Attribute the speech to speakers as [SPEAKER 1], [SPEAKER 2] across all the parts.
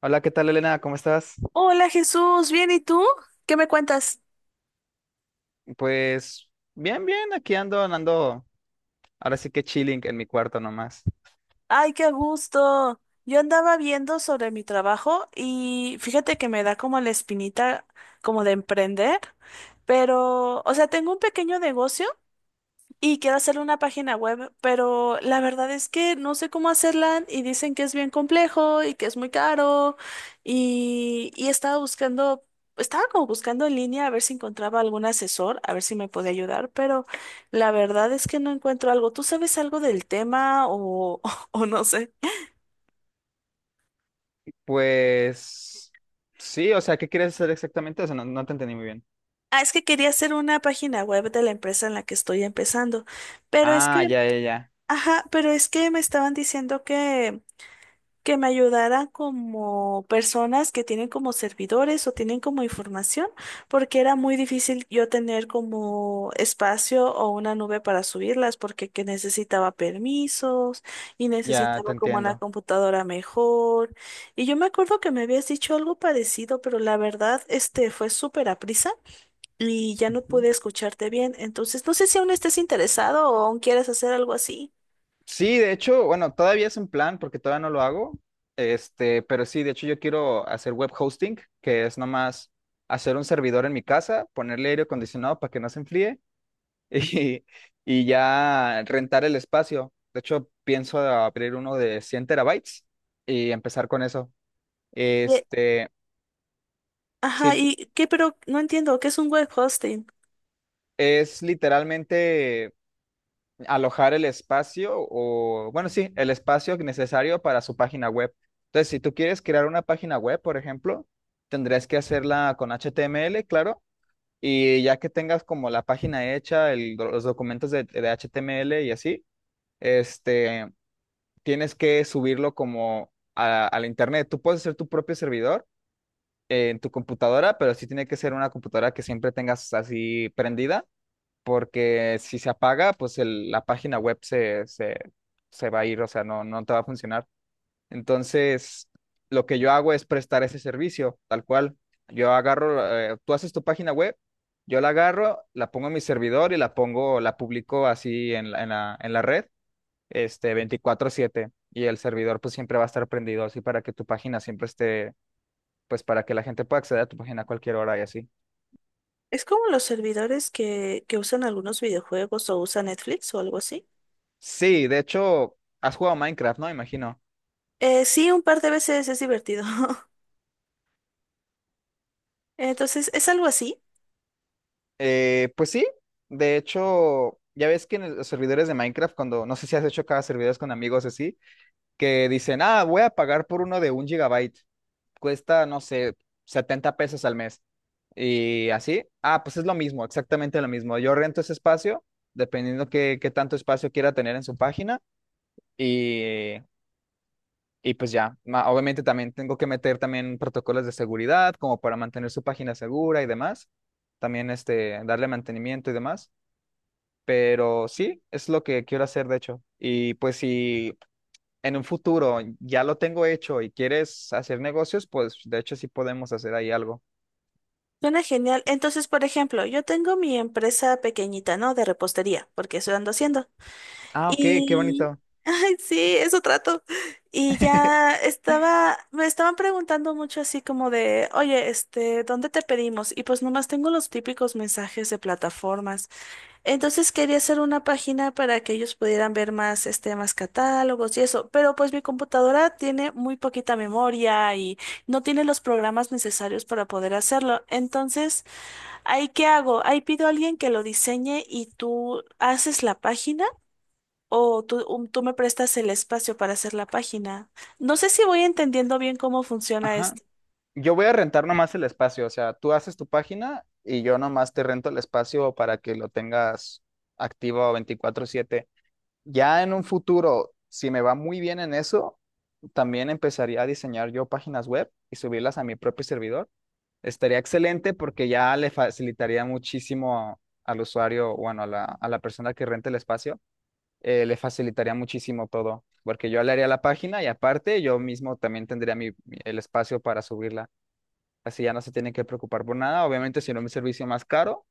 [SPEAKER 1] Hola, ¿qué tal, Elena? ¿Cómo estás?
[SPEAKER 2] Hola Jesús, ¿bien y tú? ¿Qué me cuentas?
[SPEAKER 1] Pues bien, bien, aquí ando, ahora sí que chilling en mi cuarto nomás.
[SPEAKER 2] Ay, qué gusto. Yo andaba viendo sobre mi trabajo y fíjate que me da como la espinita como de emprender, pero, o sea, tengo un pequeño negocio. Y quiero hacer una página web, pero la verdad es que no sé cómo hacerla y dicen que es bien complejo y que es muy caro y estaba buscando, estaba como buscando en línea a ver si encontraba algún asesor, a ver si me podía ayudar, pero la verdad es que no encuentro algo. ¿Tú sabes algo del tema o, o no sé?
[SPEAKER 1] Pues sí, o sea, ¿qué quieres hacer exactamente? O sea, no te entendí muy bien.
[SPEAKER 2] Ah, es que quería hacer una página web de la empresa en la que estoy empezando, pero es
[SPEAKER 1] Ah,
[SPEAKER 2] que,
[SPEAKER 1] ya,
[SPEAKER 2] ajá, pero es que me estaban diciendo que me ayudara como personas que tienen como servidores o tienen como información, porque era muy difícil yo tener como espacio o una nube para subirlas, porque que necesitaba permisos y
[SPEAKER 1] ya te
[SPEAKER 2] necesitaba como una
[SPEAKER 1] entiendo.
[SPEAKER 2] computadora mejor. Y yo me acuerdo que me habías dicho algo parecido, pero la verdad, este fue súper aprisa y ya no
[SPEAKER 1] Ujú.
[SPEAKER 2] pude escucharte bien. Entonces, no sé si aún estés interesado o aún quieres hacer algo así.
[SPEAKER 1] Sí, de hecho, bueno, todavía es un plan porque todavía no lo hago, pero sí, de hecho yo quiero hacer web hosting, que es nomás hacer un servidor en mi casa, ponerle aire acondicionado para que no se enfríe y, y ya rentar el espacio. De hecho, pienso abrir uno de 100 terabytes y empezar con eso.
[SPEAKER 2] Y-
[SPEAKER 1] Este, sí,
[SPEAKER 2] Ajá, ¿y qué? Pero no entiendo, ¿qué es un web hosting?
[SPEAKER 1] es literalmente alojar el espacio o, bueno, sí, el espacio necesario para su página web. Entonces, si tú quieres crear una página web, por ejemplo, tendrás que hacerla con HTML, claro. Y ya que tengas como la página hecha, el- los documentos de HTML y así, este, tienes que subirlo como a la internet. Tú puedes hacer tu propio servidor en tu computadora, pero sí tiene que ser una computadora que siempre tengas así prendida, porque si se apaga, pues el- la página web se va a ir, o sea, no te va a funcionar. Entonces, lo que yo hago es prestar ese servicio, tal cual. Yo agarro, tú haces tu página web, yo la agarro, la pongo en mi servidor y la pongo, la publico así en la red, 24/7, y el servidor pues siempre va a estar prendido así para que tu página siempre esté, pues para que la gente pueda acceder a tu página a cualquier hora y así.
[SPEAKER 2] Es como los servidores que usan algunos videojuegos o usa Netflix o algo así.
[SPEAKER 1] Sí, de hecho, ¿has jugado Minecraft, no? Imagino.
[SPEAKER 2] Sí, un par de veces, es divertido. Entonces, es algo así.
[SPEAKER 1] Pues sí, de hecho, ya ves que en el- los servidores de Minecraft, cuando, no sé si has hecho cada servidores con amigos así, que dicen, ah, voy a pagar por uno de un gigabyte. Cuesta, no sé, $70 al mes. Y así, ah, pues es lo mismo, exactamente lo mismo. Yo rento ese espacio, dependiendo qué tanto espacio quiera tener en su página y, y pues ya, Ma- obviamente también tengo que meter también protocolos de seguridad como para mantener su página segura y demás, también darle mantenimiento y demás, pero sí, es lo que quiero hacer de hecho. Y pues si en un futuro ya lo tengo hecho y quieres hacer negocios, pues de hecho sí podemos hacer ahí algo.
[SPEAKER 2] Suena genial. Entonces, por ejemplo, yo tengo mi empresa pequeñita, ¿no? De repostería, porque eso ando haciendo.
[SPEAKER 1] Ah, ok, qué
[SPEAKER 2] Y
[SPEAKER 1] bonito.
[SPEAKER 2] ay, sí, eso trato. Y ya estaba, me estaban preguntando mucho así como de, oye, este, ¿dónde te pedimos? Y pues nomás tengo los típicos mensajes de plataformas. Entonces quería hacer una página para que ellos pudieran ver más, este, más catálogos y eso, pero pues mi computadora tiene muy poquita memoria y no tiene los programas necesarios para poder hacerlo. Entonces, ¿ahí qué hago? Ahí pido a alguien que lo diseñe y tú haces la página o tú, tú me prestas el espacio para hacer la página. No sé si voy entendiendo bien cómo funciona.
[SPEAKER 1] Ajá. Yo voy a rentar nomás el espacio, o sea, tú haces tu página y yo nomás te rento el espacio para que lo tengas activo 24/7. Ya en un futuro, si me va muy bien en eso, también empezaría a diseñar yo páginas web y subirlas a mi propio servidor. Estaría excelente porque ya le facilitaría muchísimo al usuario, bueno, a la persona que renta el espacio, le facilitaría muchísimo todo, porque yo le haría la página y aparte yo mismo también tendría el espacio para subirla. Así ya no se tiene que preocupar por nada, obviamente si no mi servicio más caro,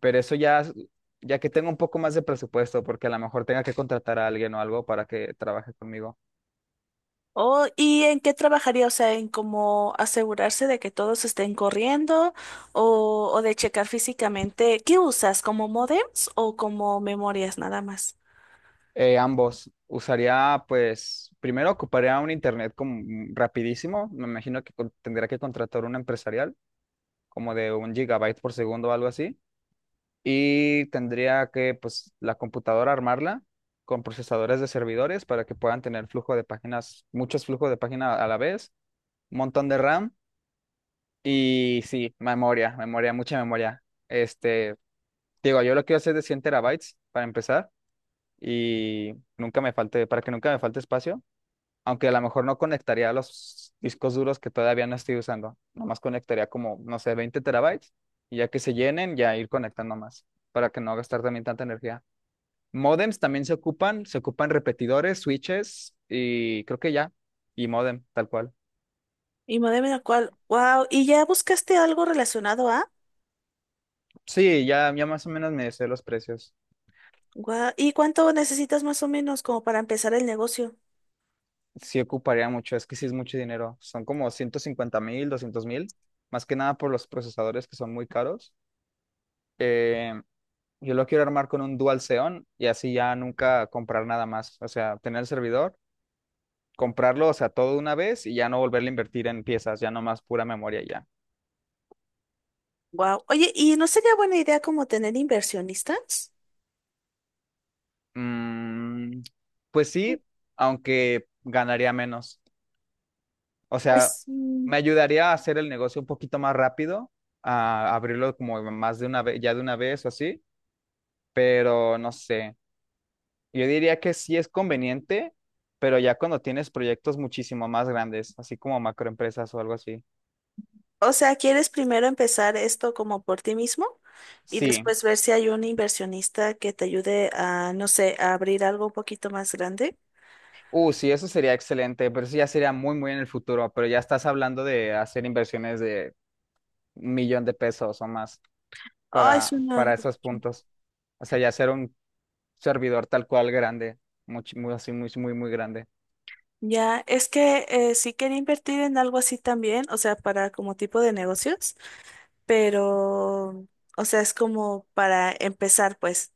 [SPEAKER 1] pero eso ya, es- ya que tengo un poco más de presupuesto, porque a lo mejor tenga que contratar a alguien o algo para que trabaje conmigo.
[SPEAKER 2] Oh, ¿y en qué trabajaría? O sea, ¿en cómo asegurarse de que todos estén corriendo o de checar físicamente? ¿Qué usas? ¿Como modems o como memorias nada más?
[SPEAKER 1] Ambos. Usaría, pues, primero ocuparía un internet como rapidísimo. Me imagino que con- tendría que contratar un empresarial, como de un gigabyte por segundo o algo así, y tendría que, pues, la computadora armarla con procesadores de servidores para que puedan tener flujo de páginas, muchos flujos de página a la vez, un montón de RAM y sí, memoria, mucha memoria. Este, digo, yo lo quiero hacer de 100 terabytes para empezar y nunca me falte, para que nunca me falte espacio, aunque a lo mejor no conectaría los discos duros que todavía no estoy usando, nomás conectaría como, no sé, 20 terabytes, y ya que se llenen, ya ir conectando más para que no gastar también tanta energía. Modems también se ocupan repetidores, switches y creo que ya, y modem, tal cual.
[SPEAKER 2] ¿Y modem en el cual? Wow, ¿y ya buscaste algo relacionado a?
[SPEAKER 1] Sí, ya más o menos me sé los precios.
[SPEAKER 2] Guau. ¿Y cuánto necesitas más o menos como para empezar el negocio?
[SPEAKER 1] Sí ocuparía mucho, es que sí es mucho dinero. Son como 150 mil, 200 mil, más que nada por los procesadores que son muy caros. Eh, yo lo quiero armar con un Dual Xeon y así ya nunca comprar nada más. O sea, tener el servidor, comprarlo, o sea, todo de una vez y ya no volverle a invertir en piezas, ya nomás pura memoria y ya.
[SPEAKER 2] Wow. Oye, ¿y no sería buena idea como tener inversionistas?
[SPEAKER 1] Mm, pues sí, aunque ganaría menos. O sea,
[SPEAKER 2] Pues, mm.
[SPEAKER 1] me ayudaría a hacer el negocio un poquito más rápido, a abrirlo como más de una vez, ya de una vez o así, pero no sé. Yo diría que sí es conveniente, pero ya cuando tienes proyectos muchísimo más grandes, así como macroempresas o algo así.
[SPEAKER 2] O sea, ¿quieres primero empezar esto como por ti mismo y
[SPEAKER 1] Sí.
[SPEAKER 2] después ver si hay un inversionista que te ayude a, no sé, a abrir algo un poquito más grande?
[SPEAKER 1] Sí, eso sería excelente, pero eso ya sería muy, muy en el futuro, pero ya estás hablando de hacer inversiones de $1,000,000 o más,
[SPEAKER 2] Ah, es una,
[SPEAKER 1] para esos puntos. O sea, ya ser un servidor tal cual grande, much- muy, así, muy, muy, muy grande.
[SPEAKER 2] ya, es que sí quería invertir en algo así también, o sea, para como tipo de negocios, pero, o sea, es como para empezar, pues.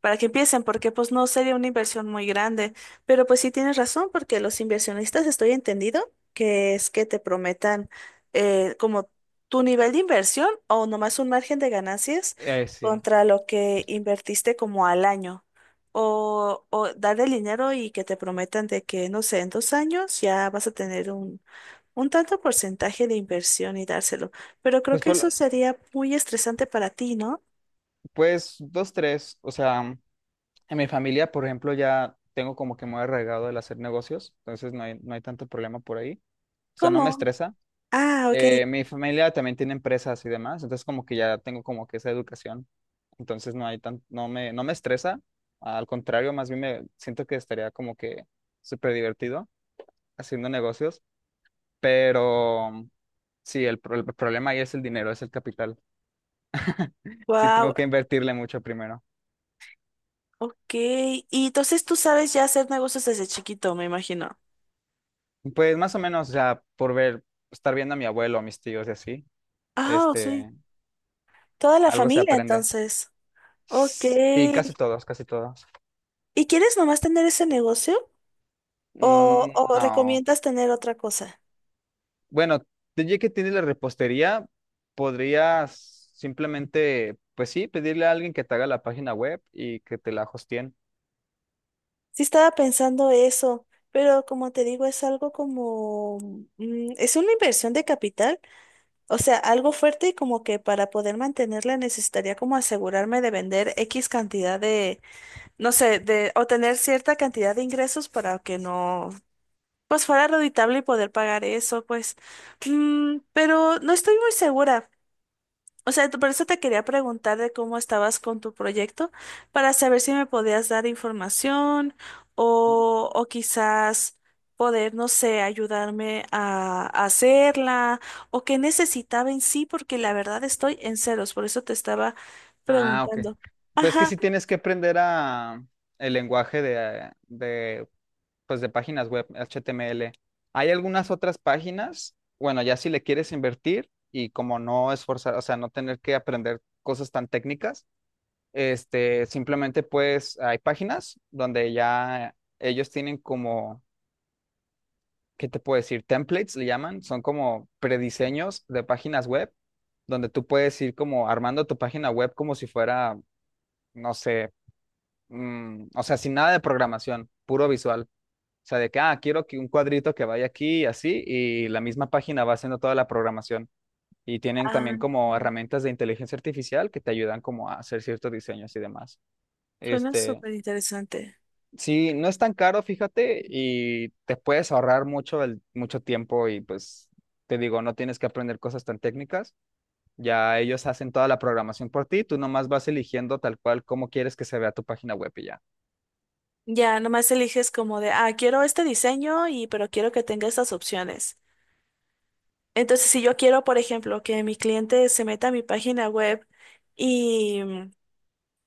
[SPEAKER 2] Para que empiecen, porque pues no sería una inversión muy grande. Pero pues sí tienes razón, porque los inversionistas, estoy entendido que es que te prometan como tu nivel de inversión o nomás un margen de ganancias
[SPEAKER 1] Sí.
[SPEAKER 2] contra lo que invertiste como al año. O dar el dinero y que te prometan de que, no sé, en 2 años ya vas a tener un tanto porcentaje de inversión y dárselo. Pero creo
[SPEAKER 1] Pues,
[SPEAKER 2] que
[SPEAKER 1] por lo-
[SPEAKER 2] eso sería muy estresante para ti, ¿no?
[SPEAKER 1] pues, dos, tres. O sea, en mi familia, por ejemplo, ya tengo como que muy arraigado el hacer negocios, entonces no hay tanto problema por ahí. O sea, no me
[SPEAKER 2] ¿Cómo?
[SPEAKER 1] estresa.
[SPEAKER 2] Ah, ok.
[SPEAKER 1] Mi familia también tiene empresas y demás, entonces como que ya tengo como que esa educación, entonces no hay tan, no me estresa, al contrario, más bien me siento que estaría como que súper divertido haciendo negocios. Pero sí, pro- el problema ahí es el dinero, es el capital. Sí,
[SPEAKER 2] Wow.
[SPEAKER 1] tengo que invertirle mucho primero.
[SPEAKER 2] Ok, y entonces tú sabes ya hacer negocios desde chiquito, me imagino.
[SPEAKER 1] Pues más o menos, o sea, por ver, estar viendo a mi abuelo, a mis tíos y así,
[SPEAKER 2] Ah, sí.
[SPEAKER 1] este,
[SPEAKER 2] Toda la
[SPEAKER 1] algo se
[SPEAKER 2] familia,
[SPEAKER 1] aprende.
[SPEAKER 2] entonces. Ok.
[SPEAKER 1] Sí, casi todos.
[SPEAKER 2] ¿Y quieres nomás tener ese negocio?
[SPEAKER 1] Mm,
[SPEAKER 2] O
[SPEAKER 1] no.
[SPEAKER 2] recomiendas tener otra cosa?
[SPEAKER 1] Bueno, ya que tienes la repostería, podrías simplemente, pues sí, pedirle a alguien que te haga la página web y que te la hosteen.
[SPEAKER 2] Sí estaba pensando eso, pero como te digo, es algo como... mm, es una inversión de capital, o sea, algo fuerte y como que para poder mantenerla necesitaría como asegurarme de vender X cantidad de, no sé, de, o tener cierta cantidad de ingresos para que no, pues, fuera reditable y poder pagar eso, pues. Mm, pero no estoy muy segura. O sea, por eso te quería preguntar de cómo estabas con tu proyecto, para saber si me podías dar información o quizás poder, no sé, ayudarme a hacerla o qué necesitaba en sí, porque la verdad estoy en ceros, por eso te estaba
[SPEAKER 1] Ah, ok.
[SPEAKER 2] preguntando.
[SPEAKER 1] Pues que
[SPEAKER 2] Ajá.
[SPEAKER 1] sí tienes que aprender a el lenguaje de pues de páginas web, HTML. Hay algunas otras páginas, bueno, ya si le quieres invertir y como no esforzar, o sea, no tener que aprender cosas tan técnicas, simplemente pues hay páginas donde ya ellos tienen como, ¿qué te puedo decir? Templates le llaman, son como prediseños de páginas web, donde tú puedes ir como armando tu página web como si fuera, no sé, o sea, sin nada de programación, puro visual. O sea, de que, ah, quiero que un cuadrito que vaya aquí y así, y la misma página va haciendo toda la programación. Y tienen
[SPEAKER 2] Ah,
[SPEAKER 1] también como herramientas de inteligencia artificial que te ayudan como a hacer ciertos diseños y demás.
[SPEAKER 2] suena
[SPEAKER 1] Este,
[SPEAKER 2] súper interesante.
[SPEAKER 1] sí, no es tan caro, fíjate, y te puedes ahorrar mucho, mucho tiempo y pues, te digo, no tienes que aprender cosas tan técnicas. Ya ellos hacen toda la programación por ti, tú nomás vas eligiendo tal cual cómo quieres que se vea tu página web y ya.
[SPEAKER 2] Ya, nomás eliges como de, ah, quiero este diseño, y pero quiero que tenga estas opciones. Entonces, si yo quiero, por ejemplo, que mi cliente se meta a mi página web y,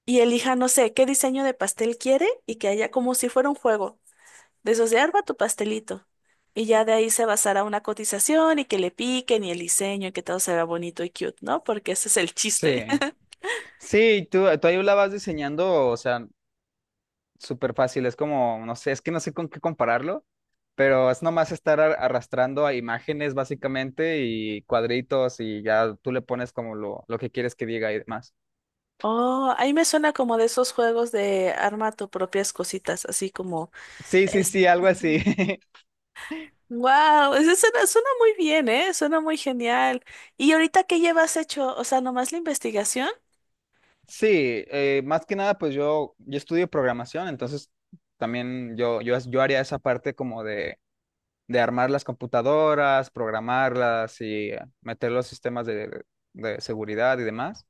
[SPEAKER 2] y elija, no sé, qué diseño de pastel quiere y que haya como si fuera un juego, de esos de arma tu pastelito. Y ya de ahí se basará una cotización y que le piquen y el diseño y que todo se vea bonito y cute, ¿no? Porque ese es el chiste.
[SPEAKER 1] Sí, sí, tú ahí la vas diseñando, o sea, súper fácil. Es como, no sé, es que no sé con qué compararlo, pero es nomás estar ar- arrastrando a imágenes básicamente y cuadritos y ya tú le pones como lo que quieres que diga y demás.
[SPEAKER 2] Oh, ahí me suena como de esos juegos de arma tu propias cositas, así como...
[SPEAKER 1] Sí, sí,
[SPEAKER 2] este,
[SPEAKER 1] sí, algo así.
[SPEAKER 2] wow, eso suena, suena muy bien, ¿eh? Suena muy genial. ¿Y ahorita qué llevas hecho? O sea, nomás la investigación.
[SPEAKER 1] Sí, más que nada, pues yo estudio programación, entonces también yo haría esa parte como de armar las computadoras, programarlas y meter los sistemas de seguridad y demás.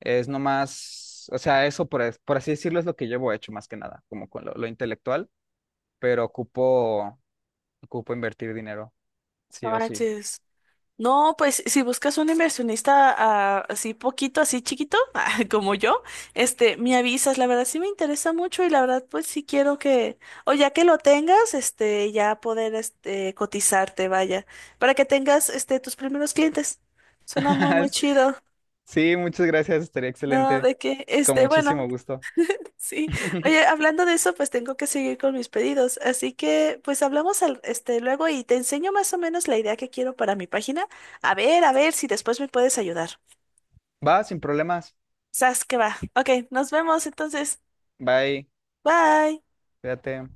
[SPEAKER 1] Es nomás, o sea, eso por, es por así decirlo es lo que llevo hecho más que nada, como con lo intelectual, pero ocupo invertir dinero,
[SPEAKER 2] No
[SPEAKER 1] sí o sí.
[SPEAKER 2] manches. No, pues si buscas un inversionista, ah, así poquito, así chiquito, ah, como yo, este, me avisas. La verdad sí me interesa mucho y la verdad pues sí quiero que, o ya que lo tengas, este, ya poder este cotizarte, vaya, para que tengas este tus primeros clientes. Suena muy muy chido.
[SPEAKER 1] Sí, muchas gracias, estaría
[SPEAKER 2] No,
[SPEAKER 1] excelente,
[SPEAKER 2] de que,
[SPEAKER 1] con
[SPEAKER 2] este, bueno.
[SPEAKER 1] muchísimo gusto.
[SPEAKER 2] Sí. Oye, hablando de eso, pues tengo que seguir con mis pedidos. Así que, pues hablamos al, este, luego y te enseño más o menos la idea que quiero para mi página. A ver si después me puedes ayudar.
[SPEAKER 1] Va, sin problemas.
[SPEAKER 2] Sas, que va. Ok, nos vemos entonces.
[SPEAKER 1] Bye,
[SPEAKER 2] Bye.
[SPEAKER 1] cuídate.